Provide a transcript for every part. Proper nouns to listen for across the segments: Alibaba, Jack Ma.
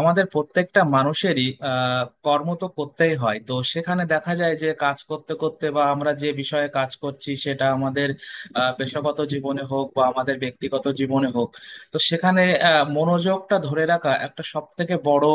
আমাদের প্রত্যেকটা মানুষেরই কর্ম তো করতেই হয়, তো সেখানে দেখা যায় যে কাজ করতে করতে বা আমরা যে বিষয়ে কাজ করছি সেটা আমাদের পেশাগত জীবনে হোক বা আমাদের ব্যক্তিগত জীবনে হোক, তো সেখানে মনোযোগটা ধরে রাখা একটা সব থেকে বড়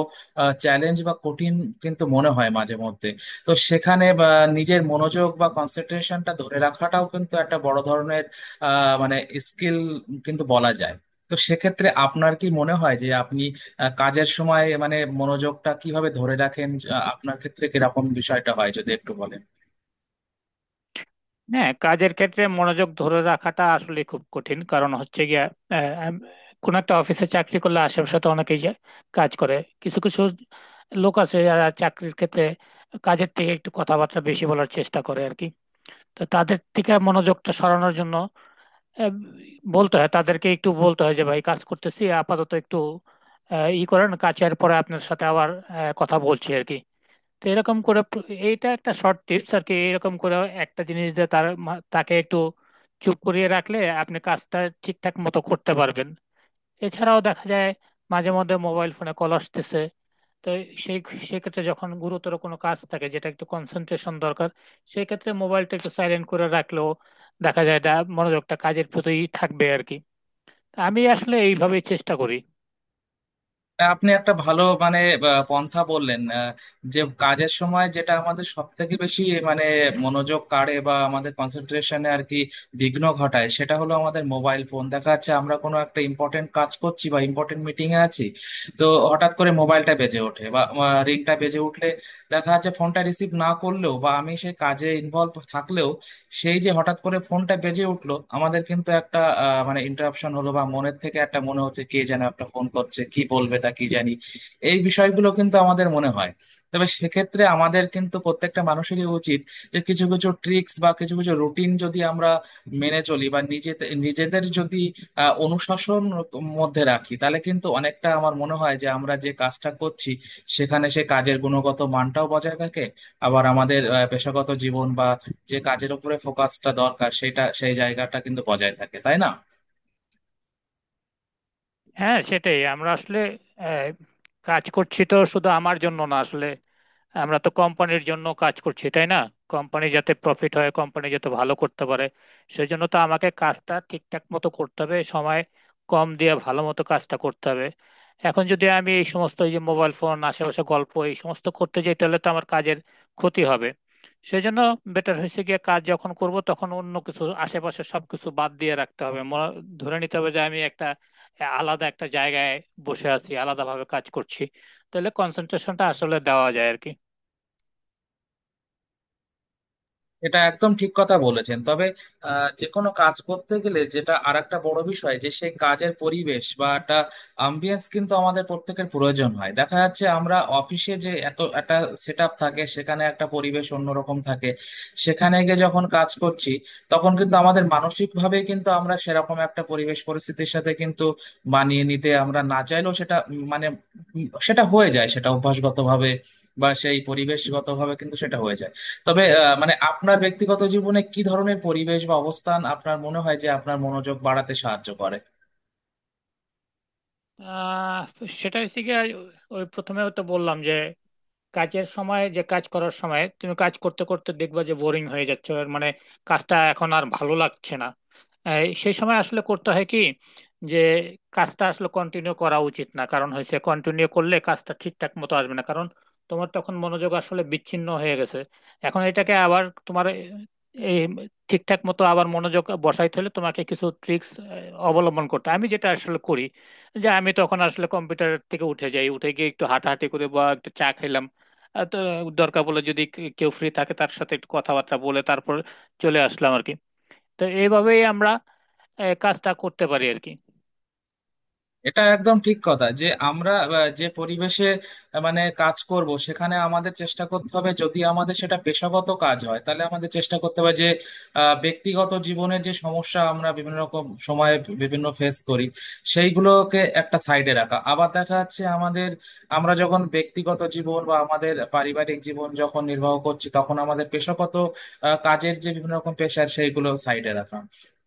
চ্যালেঞ্জ বা কঠিন কিন্তু মনে হয় মাঝে মধ্যে, তো সেখানে বা নিজের মনোযোগ বা কনসেন্ট্রেশনটা ধরে রাখাটাও কিন্তু একটা বড় ধরনের মানে স্কিল কিন্তু বলা যায়। তো সেক্ষেত্রে আপনার কি মনে হয় যে আপনি কাজের সময় মানে মনোযোগটা কিভাবে ধরে রাখেন, আপনার ক্ষেত্রে কিরকম বিষয়টা হয় যদি একটু বলেন। হ্যাঁ, কাজের ক্ষেত্রে মনোযোগ ধরে রাখাটা আসলে খুব কঠিন। কারণ হচ্ছে গিয়া আহ, আম- কোনো একটা অফিসে চাকরি করলে আশেপাশে তো অনেকেই কাজ করে। কিছু কিছু লোক আছে যারা চাকরির ক্ষেত্রে কাজের থেকে একটু কথাবার্তা বেশি বলার চেষ্টা করে আর কি। তো তাদের থেকে মনোযোগটা সরানোর জন্য আহ, বলতে হয়, তাদেরকে একটু বলতে হয় যে ভাই, কাজ করতেছি আপাতত, একটু আহ, ই করেন, কাজের পরে আপনার সাথে আবার কথা বলছি আর কি। তো এরকম করে এইটা একটা শর্ট টিপস আর কি। এরকম করে একটা জিনিস দিয়ে তাকে একটু চুপ করিয়ে রাখলে আপনি কাজটা ঠিকঠাক মতো করতে পারবেন। এছাড়াও দেখা যায় মাঝে মধ্যে মোবাইল ফোনে কল আসতেছে। তো সেই সেক্ষেত্রে যখন গুরুতর কোনো কাজ থাকে যেটা একটু কনসেন্ট্রেশন দরকার, সেই ক্ষেত্রে মোবাইলটা একটু সাইলেন্ট করে রাখলেও দেখা যায় এটা মনোযোগটা কাজের প্রতিই থাকবে আর কি। আমি আসলে এইভাবেই চেষ্টা করি। আপনি একটা ভালো মানে পন্থা বললেন। যে কাজের সময় যেটা আমাদের সব থেকে বেশি মানে মনোযোগ কাড়ে বা আমাদের কনসেন্ট্রেশনে আর কি বিঘ্ন ঘটায়, সেটা হলো আমাদের মোবাইল ফোন। দেখা যাচ্ছে আমরা কোনো একটা ইম্পর্টেন্ট কাজ করছি বা ইম্পর্টেন্ট মিটিং এ আছি, তো হঠাৎ করে মোবাইলটা বেজে ওঠে বা রিংটা বেজে উঠলে দেখা যাচ্ছে ফোনটা রিসিভ না করলেও বা আমি সেই কাজে ইনভলভ থাকলেও সেই যে হঠাৎ করে ফোনটা বেজে উঠলো আমাদের কিন্তু একটা মানে ইন্টারাপশন হলো বা মনের থেকে একটা মনে হচ্ছে কে যেন একটা ফোন করছে, কি বলবে তা কি জানি। এই বিষয়গুলো কিন্তু আমাদের মনে হয়। তবে সেক্ষেত্রে আমাদের কিন্তু প্রত্যেকটা মানুষেরই উচিত যে কিছু কিছু ট্রিক্স বা কিছু কিছু রুটিন যদি আমরা মেনে চলি বা নিজেদের নিজেদের যদি অনুশাসন মধ্যে রাখি তাহলে কিন্তু অনেকটা আমার মনে হয় যে আমরা যে কাজটা করছি সেখানে সে কাজের গুণগত মানটাও বজায় থাকে, আবার আমাদের পেশাগত জীবন বা যে কাজের উপরে ফোকাসটা দরকার সেটা সেই জায়গাটা কিন্তু বজায় থাকে, তাই না? হ্যাঁ, সেটাই। আমরা আসলে আহ, কাজ করছি তো শুধু আমার জন্য না আসলে, আমরা তো কোম্পানির জন্য কাজ করছি তাই না? কোম্পানি যাতে প্রফিট হয়, কোম্পানি যাতে ভালো করতে পারে, সেজন্য তো আমাকে কাজটা ঠিকঠাক মতো করতে হবে, সময় কম দিয়ে ভালো মতো কাজটা করতে হবে। এখন যদি আমি এই সমস্ত, এই যে মোবাইল ফোন, আশেপাশে গল্প, এই সমস্ত করতে যাই তাহলে তো আমার কাজের ক্ষতি হবে। সেজন্য বেটার হয়েছে গিয়ে কাজ যখন করব তখন অন্য কিছু, আশেপাশে সবকিছু বাদ দিয়ে রাখতে হবে। ধরে নিতে হবে যে আমি একটা আলাদা একটা জায়গায় বসে আছি, আলাদাভাবে কাজ করছি, তাহলে কনসেন্ট্রেশনটা আসলে দেওয়া যায় আর কি। এটা একদম ঠিক কথা বলেছেন, তবে যে কোনো কাজ করতে গেলে যেটা আরেকটা বড় বিষয় যে সেই কাজের পরিবেশ বা একটা আম্বিয়েন্স কিন্তু আমাদের প্রত্যেকের প্রয়োজন হয়। দেখা যাচ্ছে আমরা অফিসে যে এত একটা সেট আপ থাকে সেখানে একটা পরিবেশ অন্যরকম থাকে, সেখানে গিয়ে যখন কাজ করছি তখন কিন্তু আমাদের মানসিক ভাবে কিন্তু আমরা সেরকম একটা পরিবেশ পরিস্থিতির সাথে কিন্তু মানিয়ে নিতে আমরা না চাইলেও সেটা মানে সেটা হয়ে যায়, সেটা অভ্যাসগত ভাবে বা সেই পরিবেশগত ভাবে কিন্তু সেটা হয়ে যায়। তবে মানে আপনার ব্যক্তিগত জীবনে কি ধরনের পরিবেশ বা অবস্থান আপনার মনে হয় যে আপনার মনোযোগ বাড়াতে সাহায্য করে? আহ, সেটা হচ্ছে গিয়ে ওই প্রথমেও তো বললাম যে কাজের সময়, যে কাজ করার সময় তুমি কাজ করতে করতে দেখবা যে বোরিং হয়ে যাচ্ছে আর মানে কাজটা এখন আর ভালো লাগছে না। এই সেই সময় আসলে করতে হয় কি, যে কাজটা আসলে কন্টিনিউ করা উচিত না। কারণ হয়েছে, কন্টিনিউ করলে কাজটা ঠিকঠাক মতো আসবে না, কারণ তোমার তখন মনোযোগ আসলে বিচ্ছিন্ন হয়ে গেছে। এখন এটাকে আবার তোমার এই ঠিকঠাক মতো আবার মনোযোগ বসাইতে হলে তোমাকে কিছু ট্রিক্স অবলম্বন করতে হয়। আমি যেটা আসলে করি, যে আমি তখন আসলে কম্পিউটার থেকে উঠে যাই, উঠে গিয়ে একটু হাঁটাহাঁটি করে বা একটু চা খেলাম, আর তো দরকার পড়লে যদি কেউ ফ্রি থাকে তার সাথে একটু কথাবার্তা বলে, তারপর চলে আসলাম আর কি। তো এইভাবেই আমরা কাজটা করতে পারি আর কি। এটা একদম ঠিক কথা যে আমরা যে পরিবেশে মানে কাজ করব সেখানে আমাদের চেষ্টা করতে হবে, যদি আমাদের সেটা পেশাগত কাজ হয় তাহলে আমাদের চেষ্টা করতে হবে যে ব্যক্তিগত জীবনের যে সমস্যা আমরা বিভিন্ন রকম সময়ে বিভিন্ন ফেস করি সেইগুলোকে একটা সাইডে রাখা, আবার দেখা যাচ্ছে আমাদের আমরা যখন ব্যক্তিগত জীবন বা আমাদের পারিবারিক জীবন যখন নির্বাহ করছি তখন আমাদের পেশাগত কাজের যে বিভিন্ন রকম পেশার সেইগুলো সাইডে রাখা।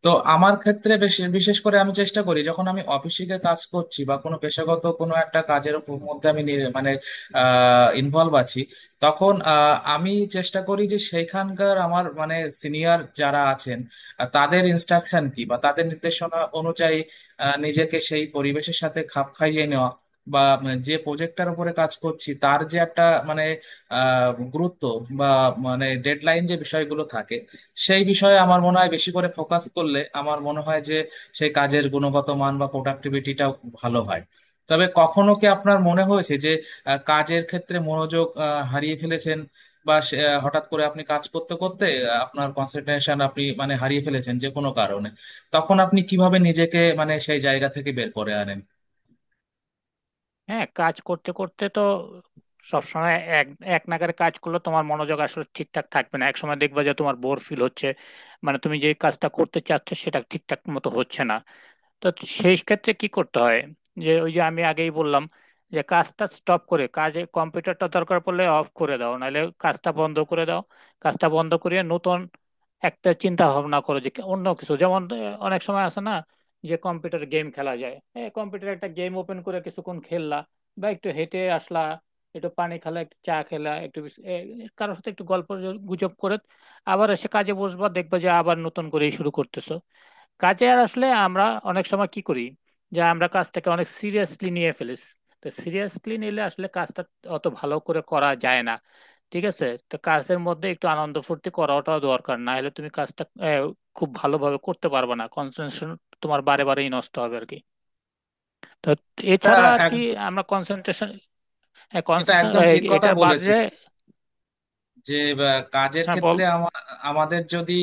তো আমার ক্ষেত্রে বিশেষ করে আমি চেষ্টা করি যখন আমি অফিসিকে কাজ করছি বা কোনো পেশাগত কোনো একটা কাজের মধ্যে আমি মানে ইনভলভ আছি তখন আমি চেষ্টা করি যে সেইখানকার আমার মানে সিনিয়র যারা আছেন তাদের ইনস্ট্রাকশন কি বা তাদের নির্দেশনা অনুযায়ী নিজেকে সেই পরিবেশের সাথে খাপ খাইয়ে নেওয়া বা যে প্রজেক্টটার উপরে কাজ করছি তার যে একটা মানে আহ, গুরুত্ব বা মানে ডেডলাইন যে বিষয়গুলো থাকে সেই বিষয়ে আমার মনে হয় বেশি করে ফোকাস করলে আমার মনে হয় যে সেই কাজের গুণগত মান বা প্রোডাক্টিভিটিটাও ভালো হয়। তবে কখনো কি আপনার মনে হয়েছে যে কাজের ক্ষেত্রে মনোযোগ হারিয়ে ফেলেছেন বা হঠাৎ করে আপনি কাজ করতে করতে আপনার কনসেন্ট্রেশন আপনি মানে হারিয়ে ফেলেছেন যে কোনো কারণে, তখন আপনি কিভাবে নিজেকে মানে সেই জায়গা থেকে বের করে আনেন? হ্যাঁ, কাজ করতে করতে তো সবসময় এক এক নাগাড়ে কাজ করলে তোমার মনোযোগ আসলে ঠিকঠাক থাকবে না। এক সময় দেখবা যে তোমার বোর ফিল হচ্ছে, মানে তুমি যে কাজটা করতে চাচ্ছ সেটা ঠিকঠাক মতো হচ্ছে না। তো সেই ক্ষেত্রে কি করতে হয়, যে ওই যে আমি আগেই বললাম, যে কাজটা স্টপ করে, কাজে কম্পিউটারটা দরকার পড়লে অফ করে দাও নাহলে কাজটা বন্ধ করে দাও। কাজটা বন্ধ করে নতুন একটা চিন্তা ভাবনা করো যে অন্য কিছু, যেমন অনেক সময় আছে না যে কম্পিউটার গেম খেলা যায়, কম্পিউটার একটা গেম ওপেন করে কিছুক্ষণ খেললা, বা একটু হেঁটে আসলা, একটু পানি খেলা, একটু চা খেলা, একটু কারোর সাথে একটু গল্প গুজব করে আবার এসে কাজে বসবা, দেখবা যে আবার নতুন করে শুরু করতেছো কাজে। আর আসলে আমরা অনেক সময় কি করি, যে আমরা কাজটাকে অনেক সিরিয়াসলি নিয়ে ফেলিস। তো সিরিয়াসলি নিলে আসলে কাজটা অত ভালো করে করা যায় না, ঠিক আছে? তো কাজের মধ্যে একটু আনন্দ ফুর্তি করাটাও দরকার, না হলে তুমি কাজটা খুব ভালোভাবে করতে পারবে না, কনসেন্ট্রেশন তোমার বারে বারেই নষ্ট হবে আর কি। তো এটা এছাড়া আর এক কি আমরা কনসেন্ট্রেশন, এটা একদম ঠিক কথা এটা বলেছেন বাদে। যে কাজের হ্যাঁ, বল। ক্ষেত্রে আমাদের যদি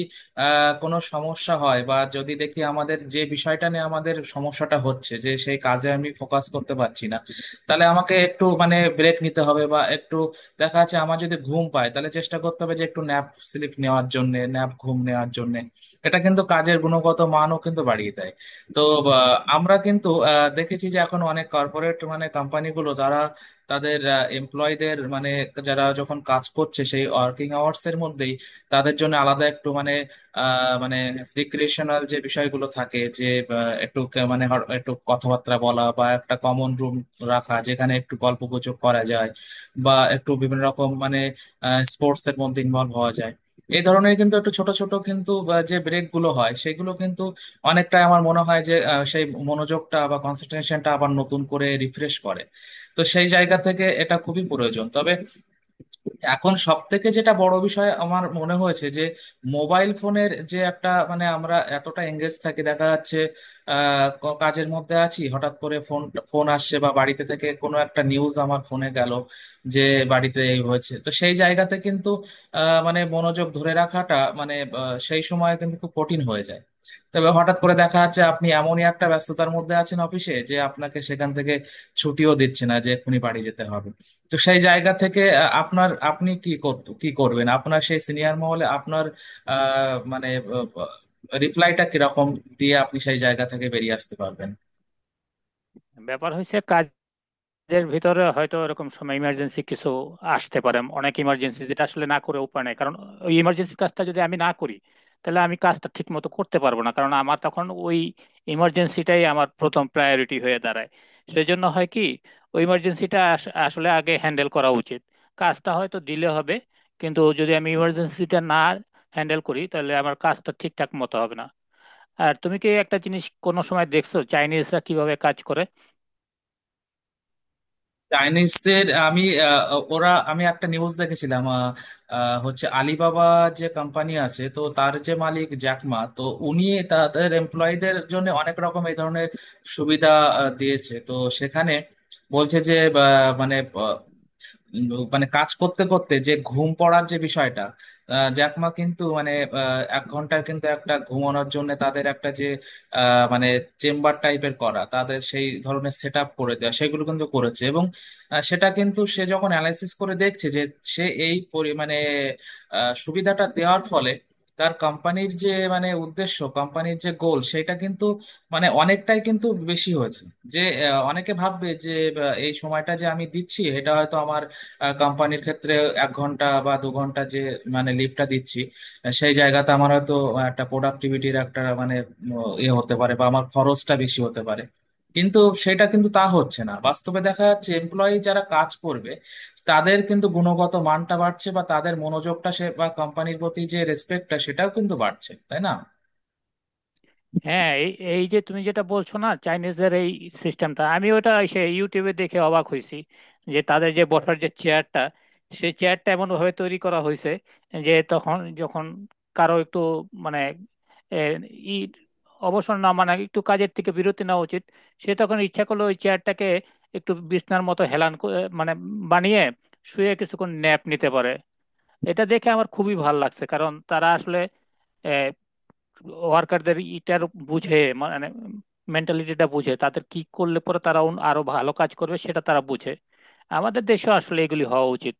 কোনো সমস্যা হয় বা যদি দেখি আমাদের যে বিষয়টা নিয়ে আমাদের সমস্যাটা হচ্ছে যে সেই কাজে আমি ফোকাস করতে পারছি না, তাহলে আমাকে একটু মানে ব্রেক নিতে হবে বা একটু দেখা যাচ্ছে আমার যদি ঘুম পায় তাহলে চেষ্টা করতে হবে যে একটু ন্যাপ স্লিপ নেওয়ার জন্য, ন্যাপ ঘুম নেওয়ার জন্য। এটা কিন্তু কাজের গুণগত মানও কিন্তু বাড়িয়ে দেয়। তো আমরা কিন্তু দেখেছি যে এখন অনেক কর্পোরেট মানে কোম্পানিগুলো তারা তাদের এমপ্লয়ীদের মানে যারা যখন কাজ করছে সেই ওয়ার্কিং আওয়ার্স এর মধ্যেই তাদের জন্য আলাদা একটু মানে মানে রিক্রিয়েশনাল যে বিষয়গুলো থাকে যে একটু মানে একটু কথাবার্তা বলা বা একটা কমন রুম রাখা যেখানে একটু গল্পগুজব করা যায় বা একটু বিভিন্ন রকম মানে স্পোর্টস এর মধ্যে ইনভলভ হওয়া যায়। এই ধরনের কিন্তু একটু ছোট ছোট কিন্তু যে ব্রেক গুলো হয় সেগুলো কিন্তু অনেকটাই আমার মনে হয় যে সেই মনোযোগটা বা কনসেন্ট্রেশনটা আবার নতুন করে রিফ্রেশ করে। তো সেই জায়গা থেকে এটা খুবই প্রয়োজন। তবে এখন সব থেকে যেটা বড় বিষয় আমার মনে হয়েছে যে মোবাইল ফোনের যে একটা মানে আমরা এতটা এঙ্গেজ থাকি দেখা যাচ্ছে কাজের মধ্যে আছি হঠাৎ করে ফোন ফোন আসছে বা বাড়িতে থেকে কোনো একটা নিউজ আমার ফোনে গেল যে বাড়িতে এই হয়েছে, তো সেই জায়গাতে কিন্তু মানে মনোযোগ ধরে রাখাটা মানে সেই সময় কিন্তু খুব কঠিন হয়ে যায়। তবে হঠাৎ করে দেখা যাচ্ছে আপনি এমনই একটা ব্যস্ততার মধ্যে আছেন অফিসে যে আপনাকে সেখান থেকে ছুটিও দিচ্ছে না যে এক্ষুনি বাড়ি যেতে হবে, তো সেই জায়গা থেকে আপনার আপনি কি করবেন, আপনার সেই সিনিয়র মহলে আপনার মানে রিপ্লাইটা কিরকম দিয়ে আপনি সেই জায়গা থেকে বেরিয়ে আসতে পারবেন? ব্যাপার হয়েছে, এর ভিতরে হয়তো এরকম সময় ইমার্জেন্সি কিছু আসতে পারে, অনেক ইমার্জেন্সি যেটা আসলে না করে উপায় নাই। কারণ ওই ইমার্জেন্সি কাজটা যদি আমি না করি, তাহলে আমি কাজটা ঠিক মতো করতে পারবো না, কারণ আমার তখন ওই ইমার্জেন্সিটাই আমার প্রথম প্রায়োরিটি হয়ে দাঁড়ায়। সেই জন্য হয় কি, ওই ইমার্জেন্সিটা আসলে আগে হ্যান্ডেল করা উচিত। কাজটা হয়তো ডিলে হবে, কিন্তু যদি আমি ইমার্জেন্সিটা না হ্যান্ডেল করি তাহলে আমার কাজটা ঠিকঠাক মতো হবে না। আর তুমি কি একটা জিনিস কোনো সময় দেখছো চাইনিজরা কিভাবে কাজ করে? চাইনিজদের আমি আহ, ওরা আমি একটা নিউজ দেখেছিলাম, আহ, আহ, হচ্ছে আলিবাবা যে কোম্পানি আছে তো তার যে মালিক জ্যাকমা, তো উনি তাদের এমপ্লয়ীদের জন্য অনেক রকম এই ধরনের সুবিধা দিয়েছে। তো সেখানে বলছে যে মানে উম, মানে কাজ করতে করতে যে ঘুম পড়ার যে বিষয়টা, জ্যাকমা কিন্তু মানে 1 ঘন্টার কিন্তু একটা ঘুমানোর জন্য তাদের একটা যে মানে চেম্বার টাইপের করা, তাদের সেই ধরনের সেট আপ করে দেওয়া সেগুলো কিন্তু করেছে। এবং সেটা কিন্তু সে যখন অ্যানালাইসিস করে দেখছে যে সে এই মানে সুবিধাটা দেওয়ার ফলে তার কোম্পানির যে মানে উদ্দেশ্য কোম্পানির যে গোল সেটা কিন্তু মানে অনেকটাই কিন্তু বেশি হয়েছে। যে অনেকে ভাববে যে এই সময়টা যে আমি দিচ্ছি এটা হয়তো আমার কোম্পানির ক্ষেত্রে 1 ঘন্টা বা 2 ঘন্টা যে মানে লিভটা দিচ্ছি, সেই জায়গাতে আমার হয়তো একটা প্রোডাক্টিভিটির একটা মানে ইয়ে হতে পারে বা আমার খরচটা বেশি হতে পারে, কিন্তু সেটা কিন্তু তা হচ্ছে না। বাস্তবে দেখা যাচ্ছে এমপ্লয়ি যারা কাজ করবে তাদের কিন্তু গুণগত মানটা বাড়ছে বা তাদের মনোযোগটা সে বা কোম্পানির প্রতি যে রেসপেক্টটা সেটাও কিন্তু বাড়ছে, তাই না? হ্যাঁ, এই এই যে তুমি যেটা বলছো না, চাইনিজদের এই সিস্টেমটা আমি ওটা সে ইউটিউবে দেখে অবাক হয়েছি। যে তাদের যে বসার যে চেয়ারটা, সেই চেয়ারটা এমন ভাবে তৈরি করা হয়েছে যে তখন যখন কারো একটু মানে এ, ই অবসর না মানে একটু কাজের থেকে বিরতি নেওয়া উচিত, সে তখন ইচ্ছা করলো ওই চেয়ারটাকে একটু বিছনার মতো মানে বানিয়ে শুয়ে কিছুক্ষণ ন্যাপ নিতে পারে। এটা দেখে আমার খুবই ভালো লাগছে, কারণ তারা আসলে ওয়ার্কারদের ইটার বুঝে, মানে মেন্টালিটিটা বুঝে, তাদের কি করলে পরে তারা আরো ভালো কাজ করবে সেটা তারা বুঝে। আমাদের দেশে আসলে এগুলি হওয়া উচিত।